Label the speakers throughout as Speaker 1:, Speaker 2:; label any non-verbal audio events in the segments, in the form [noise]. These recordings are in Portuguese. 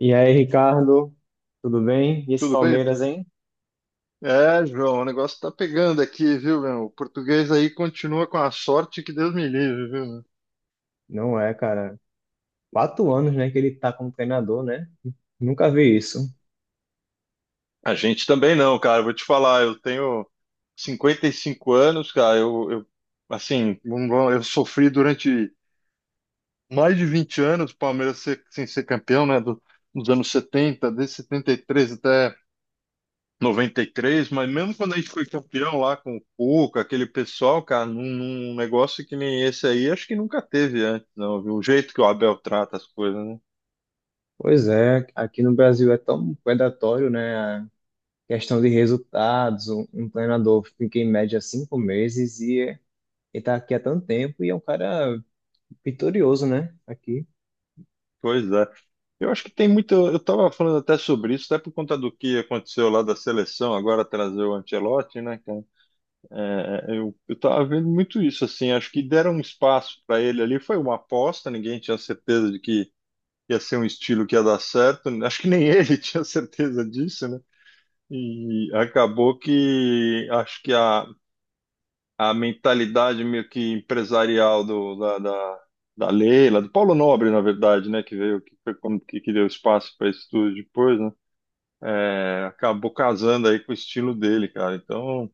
Speaker 1: E aí, Ricardo, tudo bem? E esse
Speaker 2: Tudo bem?
Speaker 1: Palmeiras, hein?
Speaker 2: É, João, o negócio tá pegando aqui, viu, meu? O português aí continua com a sorte que Deus me livre, viu? Meu?
Speaker 1: Não é, cara. Quatro anos, né, que ele tá como treinador, né? Nunca vi isso.
Speaker 2: A gente também não, cara. Vou te falar, eu tenho 55 anos, cara. Eu assim, não vou- eu sofri durante mais de 20 anos o Palmeiras sem ser campeão, né? Dos anos 70, desde 73 até 93, mas mesmo quando a gente foi campeão lá com o Cuca, aquele pessoal, cara, num negócio que nem esse aí, acho que nunca teve antes, não, viu? O jeito que o Abel trata as coisas, né?
Speaker 1: Pois é, aqui no Brasil é tão predatório, né? A questão de resultados. Um treinador fica em média cinco meses e tá aqui há tanto tempo e é um cara vitorioso, né? Aqui.
Speaker 2: Pois é. Eu acho que tem muito. Eu tava falando até sobre isso, até por conta do que aconteceu lá da seleção, agora trazer o Ancelotti, né, cara? É, eu tava vendo muito isso, assim. Acho que deram um espaço para ele ali, foi uma aposta, ninguém tinha certeza de que ia ser um estilo que ia dar certo. Acho que nem ele [laughs] tinha certeza disso, né? E acabou que acho que a mentalidade meio que empresarial da Leila, do Paulo Nobre, na verdade, né, que veio, que foi como que deu espaço para isso tudo depois, né, acabou casando aí com o estilo dele, cara. Então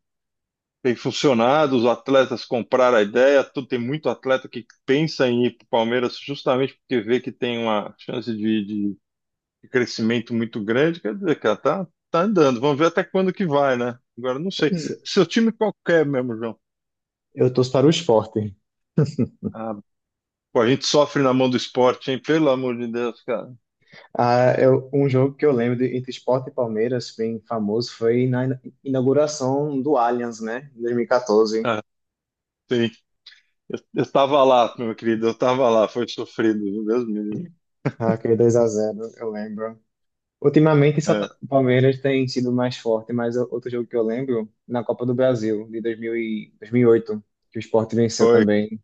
Speaker 2: tem funcionado, os atletas compraram a ideia, tem muito atleta que pensa em ir para o Palmeiras justamente porque vê que tem uma chance um crescimento muito grande, quer dizer, cara, tá, andando. Vamos ver até quando que vai, né? Agora não sei.
Speaker 1: Pois é.
Speaker 2: Seu time qualquer mesmo, João.
Speaker 1: Eu torço para o Sport.
Speaker 2: Ah, pô, a gente sofre na mão do esporte, hein? Pelo amor de Deus, cara.
Speaker 1: Ah, eu, um jogo que eu lembro de, entre Sport e Palmeiras, bem famoso, foi na inauguração do Allianz, né? Em 2014.
Speaker 2: Ah, sim. Eu tava lá, meu querido, eu tava lá, foi sofrido, meu Deus me livre.
Speaker 1: Ah, aquele dois a zero, eu lembro. Ultimamente,
Speaker 2: É,
Speaker 1: o Palmeiras tem sido mais forte, mas outro jogo que eu lembro, na Copa do Brasil, de 2008 que o Sport venceu
Speaker 2: foi,
Speaker 1: também.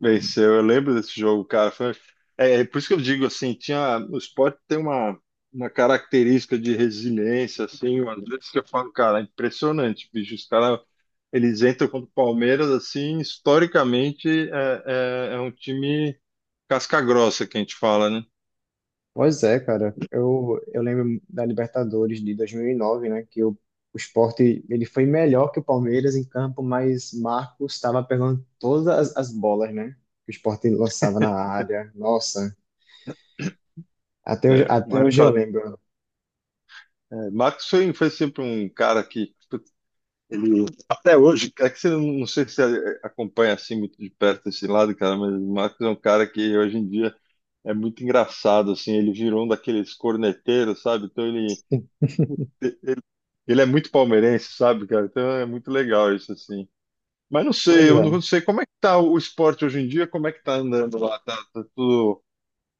Speaker 2: venceu. Eu lembro desse jogo, cara. Foi... É, por isso que eu digo assim, tinha, o esporte tem uma característica de resiliência, assim, às vezes que eu falo, cara, é impressionante, bicho. Os caras eles entram contra o Palmeiras, assim, historicamente é um time casca grossa que a gente fala, né?
Speaker 1: Pois é, cara. Eu lembro da Libertadores de 2009, né? O Sport ele foi melhor que o Palmeiras em campo, mas Marcos estava pegando todas as bolas, né? Que o Sport lançava na área. Nossa,
Speaker 2: É, o
Speaker 1: até hoje eu
Speaker 2: Marcos,
Speaker 1: lembro.
Speaker 2: é, Marcos foi sempre um cara que ele, até hoje, é que você não sei se você acompanha assim muito de perto esse lado, cara, mas o Marcos é um cara que hoje em dia é muito engraçado, assim, ele virou um daqueles corneteiros, sabe? Então ele, ele é muito palmeirense, sabe, cara? Então é muito legal isso, assim. Mas não sei,
Speaker 1: Pois
Speaker 2: eu
Speaker 1: é.
Speaker 2: não sei como é que tá o esporte hoje em dia, como é que tá andando lá, tá tudo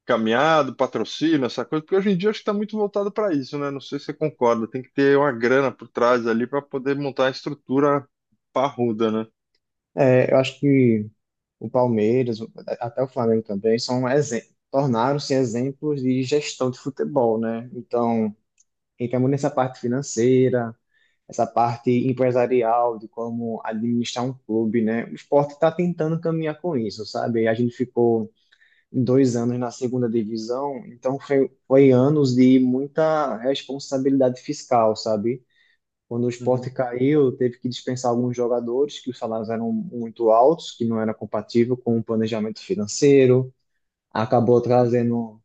Speaker 2: caminhado, patrocínio, essa coisa, porque hoje em dia acho que tá muito voltado para isso, né? Não sei se você concorda, tem que ter uma grana por trás ali para poder montar a estrutura parruda, né?
Speaker 1: É, eu acho que o Palmeiras, até o Flamengo também, tornaram-se exemplos de gestão de futebol, né? Então, entra muito nessa parte financeira, essa parte empresarial de como administrar um clube, né? O esporte está tentando caminhar com isso, sabe? A gente ficou dois anos na segunda divisão, então foi anos de muita responsabilidade fiscal, sabe? Quando o Sport
Speaker 2: Uhum,
Speaker 1: caiu, teve que dispensar alguns jogadores que os salários eram muito altos, que não era compatível com o planejamento financeiro. Acabou trazendo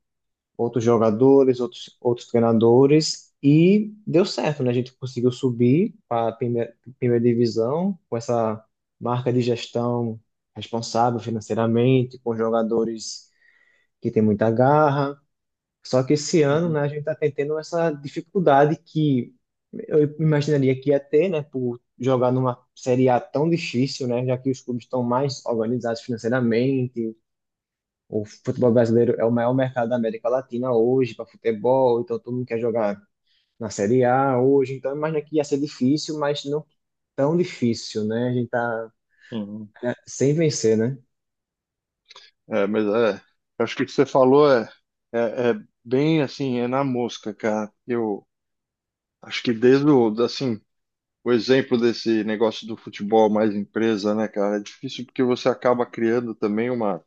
Speaker 1: outros jogadores, outros treinadores e deu certo, né? A gente conseguiu subir para a primeira divisão com essa marca de gestão responsável financeiramente, com jogadores que têm muita garra, só que esse ano,
Speaker 2: uhum,
Speaker 1: né, a gente está tendo essa dificuldade que eu imaginaria que ia ter, né, por jogar numa Série A tão difícil, né, já que os clubes estão mais organizados financeiramente, o futebol brasileiro é o maior mercado da América Latina hoje para futebol, então todo mundo quer jogar na Série A hoje, então eu imagino que ia ser difícil, mas não tão difícil, né, a gente tá
Speaker 2: uhum.
Speaker 1: sem vencer, né?
Speaker 2: É, mas acho que o que você falou é bem assim, é na mosca, cara. Eu acho que desde o, assim, o exemplo desse negócio do futebol mais empresa, né, cara? É difícil porque você acaba criando também uma,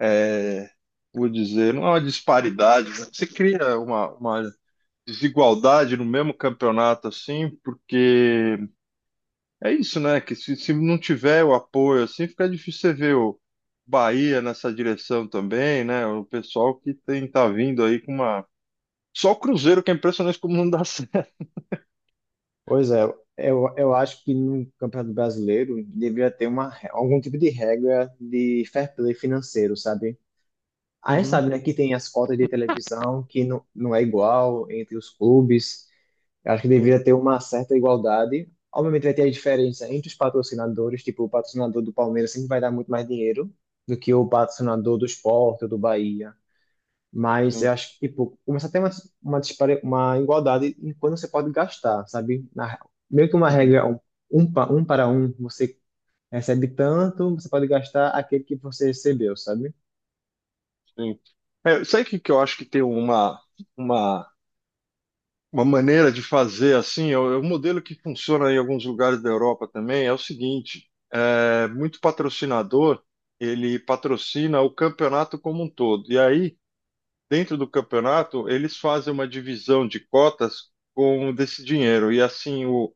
Speaker 2: é, vou dizer, não é uma disparidade, mas você cria uma desigualdade no mesmo campeonato, assim, porque é isso, né? Que se não tiver o apoio, assim, fica difícil você ver o Bahia nessa direção também, né? O pessoal que tem, tá vindo aí com uma. Só o Cruzeiro que é impressionante como não dá [laughs] certo.
Speaker 1: Pois é, eu acho que no Campeonato Brasileiro deveria ter algum tipo de regra de fair play financeiro, sabe? A gente
Speaker 2: Uhum,
Speaker 1: sabe, né, que tem as cotas de televisão que não é igual entre os clubes. Eu acho que
Speaker 2: tem,
Speaker 1: deveria ter uma certa igualdade. Obviamente vai ter a diferença entre os patrocinadores, tipo, o patrocinador do Palmeiras sempre vai dar muito mais dinheiro do que o patrocinador do Sport ou do Bahia. Mas
Speaker 2: tem.
Speaker 1: eu acho que, tipo, começa a ter uma igualdade em quando você pode gastar, sabe? Meio que uma regra, um um para um, você recebe tanto, você pode gastar aquele que você recebeu, sabe?
Speaker 2: Sim. É, sabe o que que eu acho que tem uma, uma maneira de fazer assim? É o modelo que funciona em alguns lugares da Europa também. É o seguinte: muito patrocinador ele patrocina o campeonato como um todo. E aí, dentro do campeonato, eles fazem uma divisão de cotas com desse dinheiro. E assim, o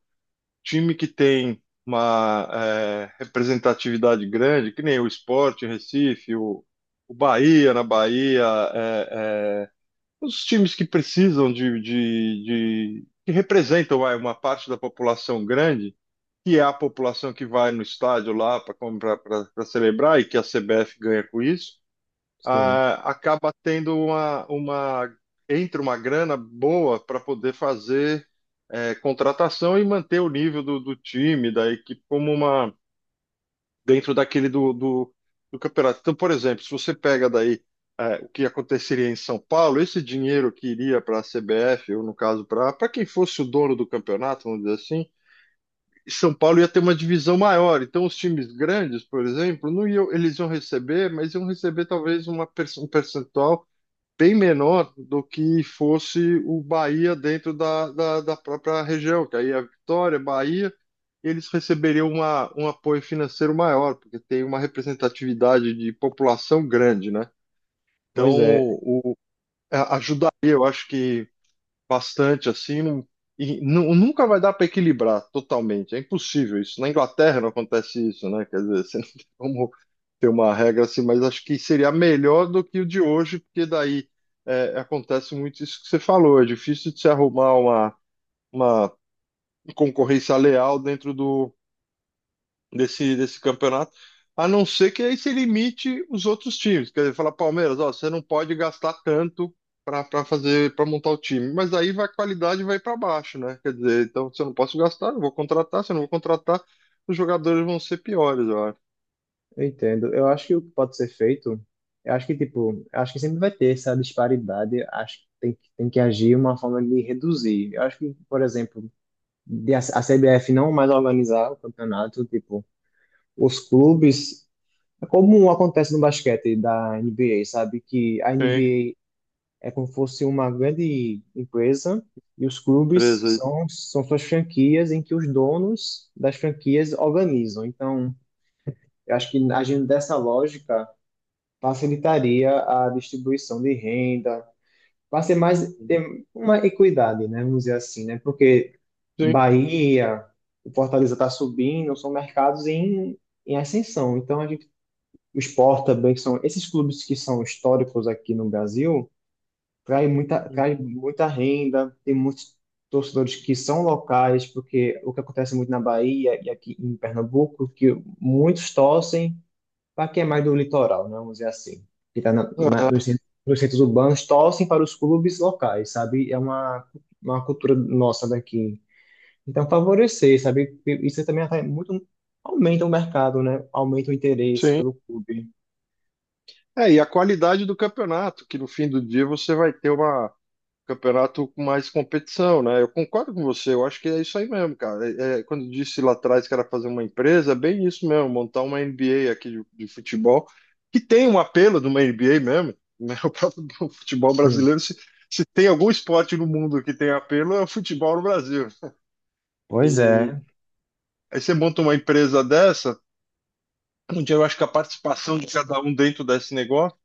Speaker 2: time que tem uma representatividade grande, que nem o Sport em Recife, o Bahia na Bahia. é, é, os times que precisam que representam vai, uma parte da população grande, que é a população que vai no estádio lá para celebrar e que a CBF ganha com isso,
Speaker 1: Sim.
Speaker 2: ah, acaba tendo uma, entra uma grana boa para poder fazer contratação e manter o nível do time, da equipe como uma dentro daquele do campeonato. Então, por exemplo, se você pega daí o que aconteceria em São Paulo, esse dinheiro que iria para a CBF, ou no caso, para quem fosse o dono do campeonato, vamos dizer assim, São Paulo ia ter uma divisão maior. Então, os times grandes, por exemplo, não iam, eles iam receber, mas iam receber talvez um percentual bem menor do que fosse o Bahia dentro da própria região, que aí é a Vitória, Bahia, eles receberiam uma, um apoio financeiro maior, porque tem uma representatividade de população grande, né? Então,
Speaker 1: Pois é,
Speaker 2: ajudaria, eu acho que bastante assim, e nunca vai dar para equilibrar totalmente. É impossível isso. Na Inglaterra não acontece isso, né? Quer dizer, [laughs] você não tem como ter uma regra assim, mas acho que seria melhor do que o de hoje, porque daí acontece muito isso que você falou. É difícil de se arrumar uma concorrência leal dentro desse campeonato, a não ser que aí se limite os outros times. Quer dizer, falar, Palmeiras, ó, você não pode gastar tanto para fazer, para montar o time. Mas aí vai, a qualidade vai para baixo, né? Quer dizer, então se eu não posso gastar, eu vou contratar, se eu não vou contratar, os jogadores vão ser piores, eu acho.
Speaker 1: eu entendo. Eu acho que o que pode ser feito, eu acho que, tipo, eu acho que sempre vai ter essa disparidade, eu acho que tem que agir uma forma de reduzir. Eu acho que, por exemplo, de a CBF não mais organizar o campeonato, tipo, os clubes. É como acontece no basquete da NBA, sabe? Que a
Speaker 2: Sim,
Speaker 1: NBA é como se fosse uma grande empresa e os clubes
Speaker 2: beleza.
Speaker 1: são suas franquias em que os donos das franquias organizam. Então, eu acho que agindo dessa lógica, facilitaria a distribuição de renda, para ser mais ter uma equidade, né? Vamos dizer assim, né? Porque
Speaker 2: Sim,
Speaker 1: Bahia, o Fortaleza está subindo, são mercados em, em ascensão. Então, a gente, o Sport também, que são esses clubes que são históricos aqui no Brasil, traz muita renda, tem muitos torcedores que são locais, porque o que acontece muito na Bahia e aqui em Pernambuco, que muitos torcem para quem é mais do litoral, né, vamos dizer assim, que está
Speaker 2: aham,
Speaker 1: nos centros urbanos, torcem para os clubes locais, sabe? É uma cultura nossa daqui. Então, favorecer, sabe? Isso também atrai muito, aumenta o mercado, né? Aumenta o interesse
Speaker 2: sim.
Speaker 1: pelo clube.
Speaker 2: É, e a qualidade do campeonato, que no fim do dia você vai ter uma campeonato com mais competição, né? Eu concordo com você, eu acho que é isso aí mesmo, cara. É, quando eu disse lá atrás que era fazer uma empresa, é bem isso mesmo, montar uma NBA aqui de futebol, que tem um apelo de uma NBA mesmo, [laughs] né? O próprio [laughs] futebol
Speaker 1: Sim.
Speaker 2: brasileiro, se tem algum esporte no mundo que tem apelo, é o futebol no Brasil.
Speaker 1: Pois
Speaker 2: E
Speaker 1: é,
Speaker 2: aí você monta uma empresa dessa, onde eu acho que a participação de cada um dentro desse negócio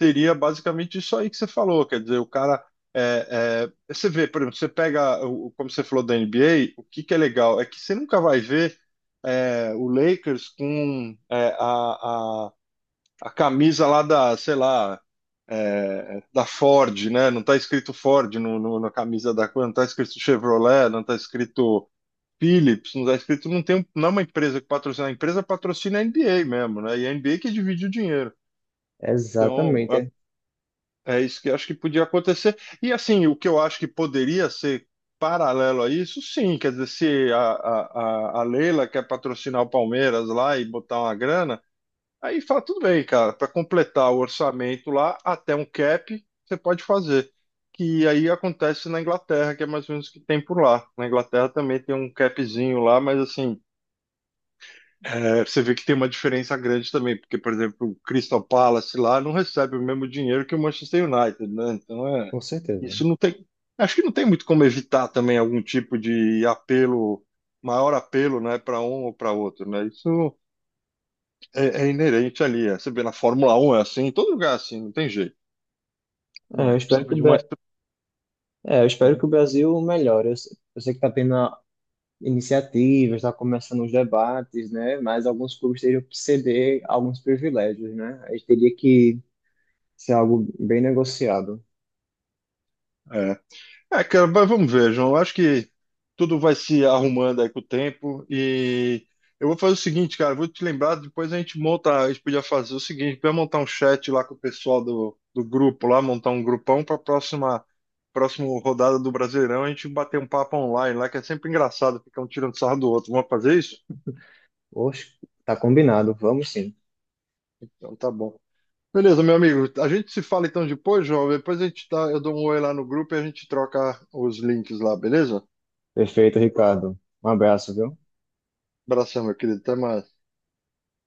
Speaker 2: seria basicamente isso aí que você falou. Quer dizer, o cara. Você vê, por exemplo, você pega, como você falou da NBA, o que que é legal? É que você nunca vai ver o Lakers com a camisa lá da, sei lá, da Ford, né? Não está escrito Ford na camisa da coisa, não está escrito Chevrolet, não está escrito Philips, não está escrito, não tem, não é uma empresa que patrocina, a empresa patrocina a NBA mesmo, né? E a NBA que divide o dinheiro. Então,
Speaker 1: exatamente, é,
Speaker 2: é isso que eu acho que podia acontecer. E assim, o que eu acho que poderia ser paralelo a isso, sim, quer dizer, se a Leila quer patrocinar o Palmeiras lá e botar uma grana, aí fala, tudo bem, cara, para completar o orçamento lá, até um cap, você pode fazer. Que aí acontece na Inglaterra, que é mais ou menos o que tem por lá. Na Inglaterra também tem um capzinho lá, mas assim, você vê que tem uma diferença grande também, porque, por exemplo, o Crystal Palace lá não recebe o mesmo dinheiro que o Manchester United, né? Então
Speaker 1: com certeza.
Speaker 2: isso não tem. Acho que não tem muito como evitar também algum tipo de apelo, maior apelo, né, para um ou para outro, né? Isso é inerente ali. Você vê na Fórmula Um é assim, em todo lugar é assim, não tem jeito.
Speaker 1: É, eu
Speaker 2: Mas
Speaker 1: espero que
Speaker 2: precisava de uma
Speaker 1: Eu espero que
Speaker 2: estrutura.
Speaker 1: o Brasil melhore. Eu, se- Eu sei que está tendo iniciativas, está começando os debates, né? Mas alguns clubes teriam que ceder alguns privilégios, né? A gente teria que ser algo bem negociado.
Speaker 2: É, cara, mas vamos ver, João. Eu acho que tudo vai se arrumando aí com o tempo. E eu vou fazer o seguinte, cara, eu vou te lembrar, depois a gente monta, a gente podia fazer o seguinte, vai montar um chat lá com o pessoal do grupo lá, montar um grupão para a próxima rodada do Brasileirão, a gente bater um papo online lá, que é sempre engraçado, ficar um tirando sarro do outro. Vamos fazer isso?
Speaker 1: Oxe, tá combinado, vamos sim.
Speaker 2: Então tá bom. Beleza, meu amigo. A gente se fala então depois, João. Depois a gente tá, eu dou um oi lá no grupo e a gente troca os links lá, beleza?
Speaker 1: Perfeito, Ricardo. Um abraço, viu?
Speaker 2: Abração, meu querido. Até mais.